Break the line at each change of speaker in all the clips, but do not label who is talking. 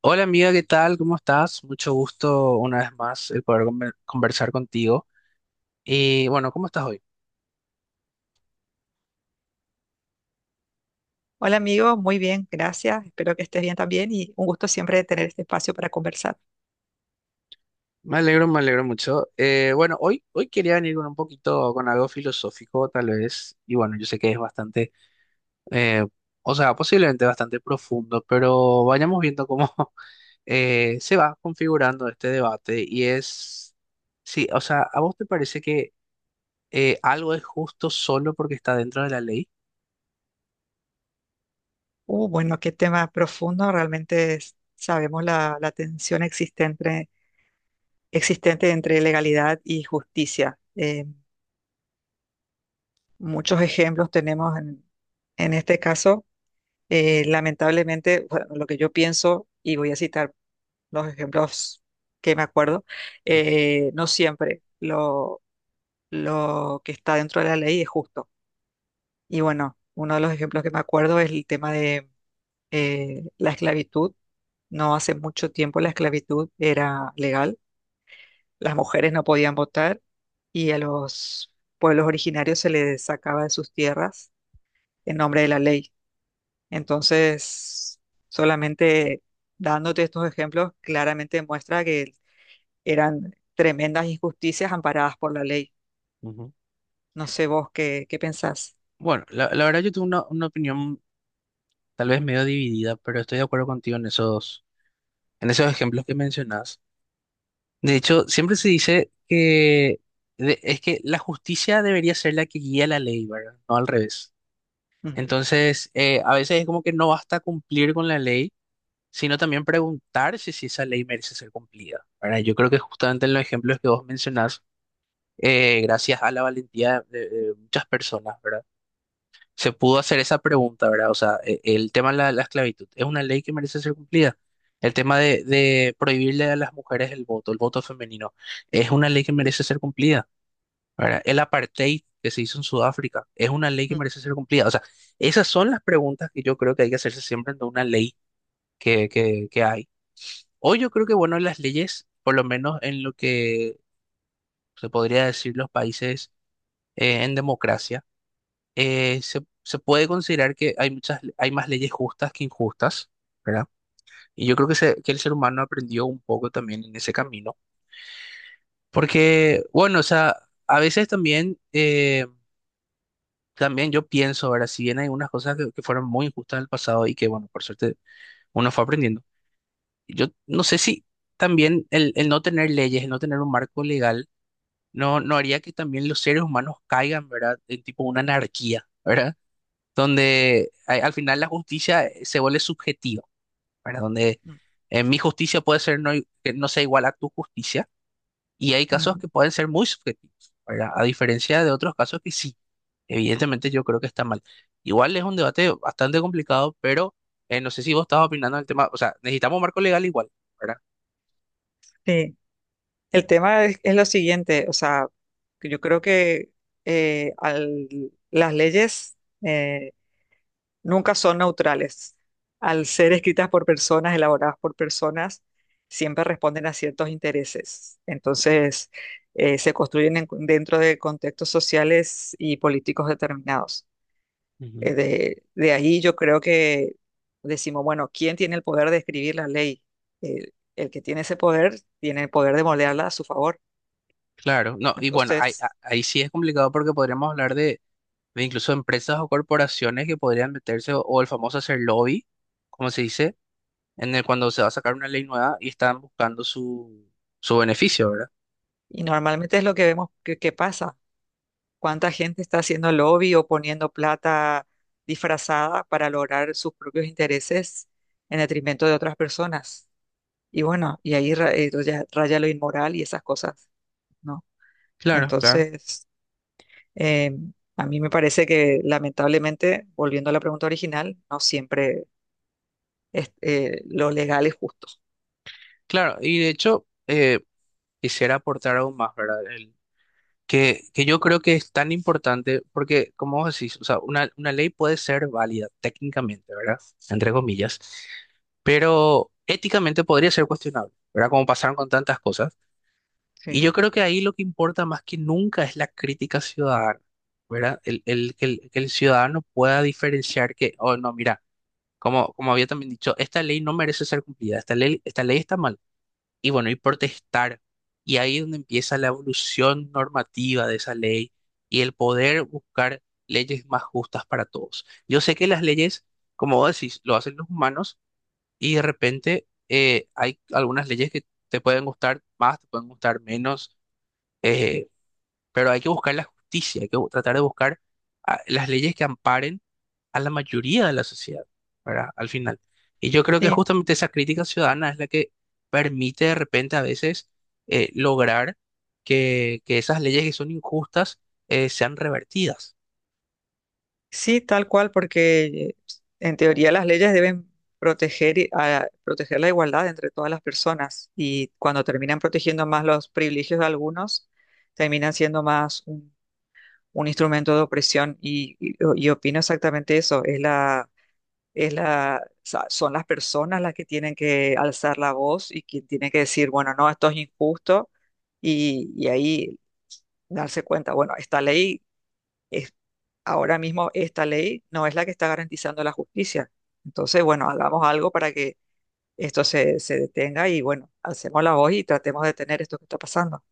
Hola amiga, ¿qué tal? ¿Cómo estás? Mucho gusto una vez más el poder conversar contigo. Y bueno, ¿cómo estás hoy?
Hola amigo, muy bien, gracias. Espero que estés bien también y un gusto siempre tener este espacio para conversar.
Me alegro mucho. Bueno, hoy quería venir con un poquito, con algo filosófico tal vez. Y bueno, yo sé que es bastante, eh, o sea, posiblemente bastante profundo, pero vayamos viendo cómo se va configurando este debate. Y es, sí, o sea, ¿a vos te parece que algo es justo solo porque está dentro de la ley?
Bueno, qué tema profundo. Realmente sabemos la tensión existente entre legalidad y justicia. Muchos ejemplos tenemos en este caso. Lamentablemente, bueno, lo que yo pienso, y voy a citar los ejemplos que me acuerdo, no siempre lo que está dentro de la ley es justo. Y bueno, uno de los ejemplos que me acuerdo es el tema de la esclavitud. No hace mucho tiempo la esclavitud era legal, las mujeres no podían votar y a los pueblos originarios se les sacaba de sus tierras en nombre de la ley. Entonces, solamente dándote estos ejemplos, claramente demuestra que eran tremendas injusticias amparadas por la ley.
Ujú.
No sé vos qué pensás.
Bueno, la verdad yo tengo una opinión tal vez medio dividida, pero estoy de acuerdo contigo en esos ejemplos que mencionas. De hecho, siempre se dice que es que la justicia debería ser la que guía la ley, ¿verdad? No al revés.
Mm,
Entonces, a veces es como que no basta cumplir con la ley, sino también preguntarse si esa ley merece ser cumplida, ¿verdad? Yo creo que justamente en los ejemplos que vos mencionás, gracias a la valentía de muchas personas, ¿verdad? Se pudo hacer esa pregunta, ¿verdad? O sea, el tema de la, la esclavitud, ¿es una ley que merece ser cumplida? El tema de prohibirle a las mujeres el voto femenino, ¿es una ley que merece ser cumplida? ¿Verdad? El apartheid que se hizo en Sudáfrica, ¿es una ley que
mm,
merece ser cumplida? O sea, esas son las preguntas que yo creo que hay que hacerse siempre en una ley que hay. Hoy yo creo que, bueno, las leyes, por lo menos en lo que se podría decir los países en democracia, se puede considerar que hay muchas, hay más leyes justas que injustas, ¿verdad? Y yo creo que, que el ser humano aprendió un poco también en ese camino, porque, bueno, o sea, a veces también, también yo pienso, ahora, si bien hay unas cosas que fueron muy injustas en el pasado y que, bueno, por suerte uno fue aprendiendo, yo no sé si también el no tener leyes, el no tener un marco legal, no haría que también los seres humanos caigan, ¿verdad? En tipo una anarquía, ¿verdad? Donde al final la justicia se vuelve subjetiva, ¿verdad? Donde
mm,
mi justicia puede ser no, que no sea igual a tu justicia y hay casos
mm.
que pueden ser muy subjetivos, ¿verdad? A diferencia de otros casos que sí, evidentemente yo creo que está mal. Igual es un debate bastante complicado, pero no sé si vos estabas opinando el tema, o sea, necesitamos un marco legal igual, ¿verdad?
Sí. El tema es lo siguiente, o sea, que yo creo que eh, al- las leyes eh, nunca son neutrales. Al ser escritas por personas, elaboradas por personas, siempre responden a ciertos intereses. Entonces, se construyen dentro de contextos sociales y políticos determinados.
Ujú.
De ahí yo creo que decimos, bueno, ¿quién tiene el poder de escribir la ley? El que tiene ese poder tiene el poder de moldearla a su favor.
Claro, no, y bueno, ahí,
Entonces,
ahí sí es complicado porque podríamos hablar de incluso empresas o corporaciones que podrían meterse o el famoso hacer lobby, como se dice en el cuando se va a sacar una ley nueva y están buscando su, su beneficio, ¿verdad?
y normalmente es lo que vemos que pasa. ¿Cuánta gente está haciendo lobby o poniendo plata disfrazada para lograr sus propios intereses en detrimento de otras personas? Y bueno, y ahí ya raya lo inmoral y esas cosas, ¿no?
Claro, claro.
Entonces, eh, a mí me parece que lamentablemente, volviendo a la pregunta original, no siempre lo legal es justo.
Claro, y de hecho, quisiera aportar aún más, ¿verdad? Que yo creo que es tan importante porque, como vos decís, o sea, una ley puede ser válida técnicamente, ¿verdad? Entre comillas, pero éticamente podría ser cuestionable, ¿verdad? Como pasaron con tantas cosas. Y yo
Sí.
creo que ahí lo que importa más que nunca es la crítica ciudadana, ¿verdad? Que el ciudadano pueda diferenciar que, oh, no, mira. Como, como había también dicho, esta ley no merece ser cumplida, esta ley está mal. Y bueno, y protestar. Y ahí es donde empieza la evolución normativa de esa ley y el poder buscar leyes más justas para todos. Yo sé que las leyes, como vos decís, lo hacen los humanos y de repente hay algunas leyes que te pueden gustar más, te pueden gustar menos. eh, pero hay que buscar la justicia, hay que tratar de buscar ah, las leyes que amparen a la mayoría de la sociedad, ¿verdad? Al final. Y yo creo que
Sí,
justamente esa crítica ciudadana es la que permite de repente a veces lograr que esas leyes que son injustas sean revertidas.
Sí, tal cual, porque en teoría las leyes deben proteger, proteger la igualdad entre todas las personas y cuando terminan protegiendo más los privilegios de algunos, terminan siendo más un instrumento de opresión y opino exactamente eso, son las personas las que tienen que alzar la voz y quien tiene que decir, bueno, no, esto es injusto y ahí darse cuenta, bueno, esta ley es- ahora mismo esta ley no es la que está garantizando la justicia. Entonces, bueno, hagamos algo para que esto se detenga y bueno, hacemos la voz y tratemos de detener esto que está pasando.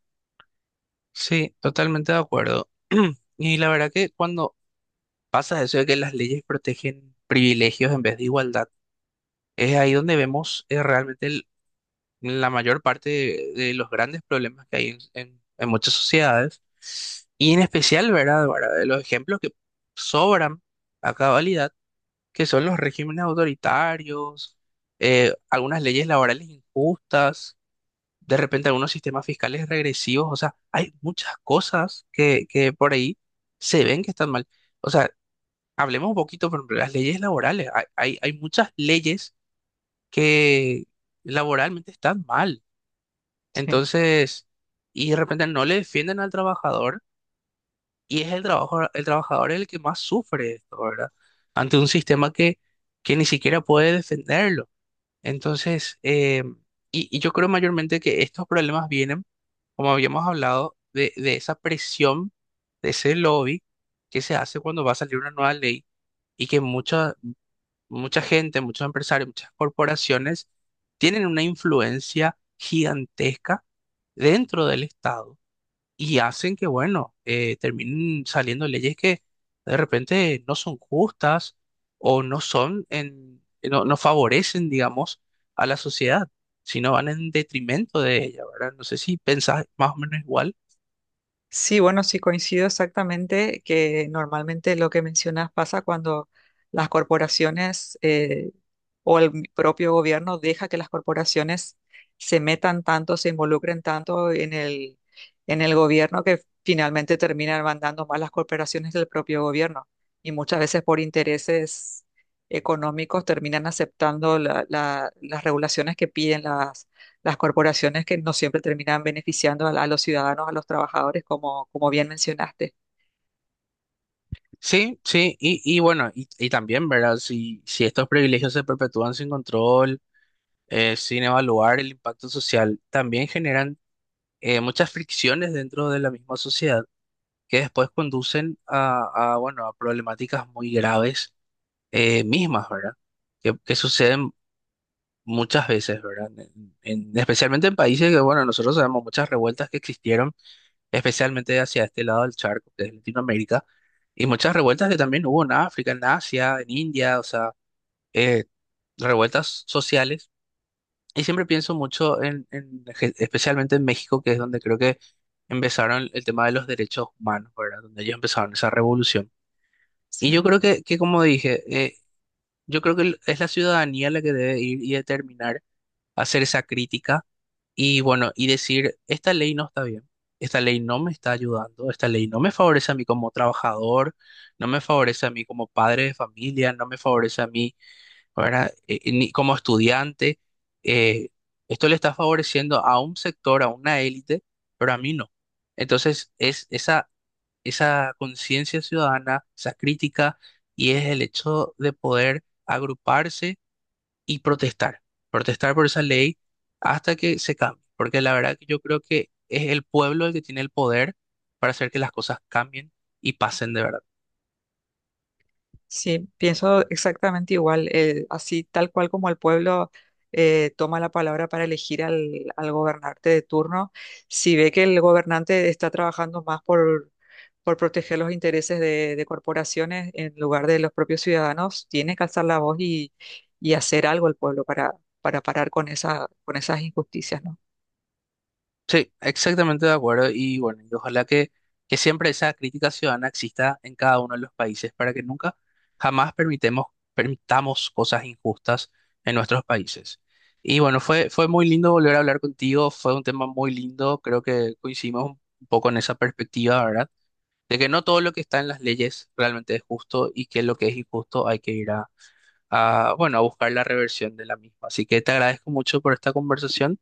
Sí, totalmente de acuerdo. Y la verdad que cuando pasa eso de que las leyes protegen privilegios en vez de igualdad, es ahí donde vemos realmente la mayor parte de los grandes problemas que hay en, en muchas sociedades, y en especial, ¿verdad? Ahora, de los ejemplos que sobran a cabalidad, que son los regímenes autoritarios, algunas leyes laborales injustas, de repente algunos sistemas fiscales regresivos, o sea, hay muchas cosas que por ahí se ven que están mal. O sea, hablemos un poquito, por ejemplo, de las leyes laborales, hay muchas leyes que laboralmente están mal. Entonces, y de repente no le defienden al trabajador y es el trabajador el que más sufre esto, ¿verdad? Ante un sistema que ni siquiera puede defenderlo. Entonces, y yo creo mayormente que estos problemas vienen, como habíamos hablado, de esa presión, de ese lobby que se hace cuando va a salir una nueva ley y que mucha gente, muchos empresarios, muchas corporaciones tienen una influencia gigantesca dentro del Estado y hacen que, bueno, terminen saliendo leyes que de repente no son justas o no son en, no, no favorecen, digamos, a la sociedad, sino van en detrimento de ella, ¿verdad? No sé si pensás más o menos igual.
Sí, bueno, sí coincido exactamente que normalmente lo que mencionas pasa cuando las corporaciones o el propio gobierno deja que las corporaciones se metan tanto, se involucren tanto en el gobierno que finalmente terminan mandando más las corporaciones del propio gobierno. Y muchas veces por intereses económicos terminan aceptando las regulaciones que piden las corporaciones que no siempre terminan beneficiando a los ciudadanos, a los trabajadores, como bien mencionaste.
Sí, sí, bueno, y también, ¿verdad? Si estos privilegios se perpetúan sin control, sin evaluar el impacto social, también generan muchas fricciones dentro de la misma sociedad que después conducen bueno, a problemáticas muy graves mismas, ¿verdad? Que suceden muchas veces, ¿verdad? Especialmente en países que, bueno, nosotros sabemos muchas revueltas que existieron, especialmente hacia este lado del charco, que es Latinoamérica, y muchas revueltas que también hubo en África, en Asia, en India, o sea, eh, revueltas sociales. Y siempre pienso mucho especialmente en México, que es donde creo que empezaron el tema de los derechos humanos, ¿verdad? Donde ellos empezaron esa revolución. Y
Sí,
yo creo que como dije, yo creo que es la ciudadanía la que debe ir y determinar, hacer esa crítica y bueno, y decir, esta ley no está bien, esta ley no me está ayudando, esta ley no me favorece a mí como trabajador, no me favorece a mí como padre de familia, no me favorece a mí, ¿verdad? Ni como estudiante. eh, Esto le está favoreciendo a un sector, a una élite, pero a mí no. Entonces, es esa conciencia ciudadana, esa crítica, y es el hecho de poder agruparse y protestar, protestar por esa ley hasta que se cambie, porque la verdad que yo creo que es el pueblo el que tiene el poder para hacer que las cosas cambien y pasen de verdad.
sí, pienso exactamente igual, así tal cual como el pueblo toma la palabra para elegir al gobernante de turno, si ve que el gobernante está trabajando más por proteger los intereses de corporaciones en lugar de los propios ciudadanos, tiene que alzar la voz y hacer algo el pueblo para parar con esas injusticias, ¿no?
Sí, exactamente de acuerdo. Y bueno, y ojalá que siempre esa crítica ciudadana exista en cada uno de los países para que nunca, jamás permitemos, permitamos cosas injustas en nuestros países. Y bueno, fue muy lindo volver a hablar contigo, fue un tema muy lindo, creo que coincidimos un poco en esa perspectiva, ¿verdad? De que no todo lo que está en las leyes realmente es justo y que lo que es injusto hay que ir bueno, a buscar la reversión de la misma. Así que te agradezco mucho por esta conversación.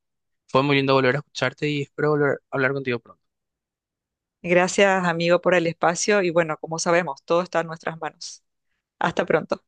Fue muy lindo volver a escucharte y espero volver a hablar contigo pronto.
Gracias, amigo, por el espacio y bueno, como sabemos, todo está en nuestras manos. Hasta pronto.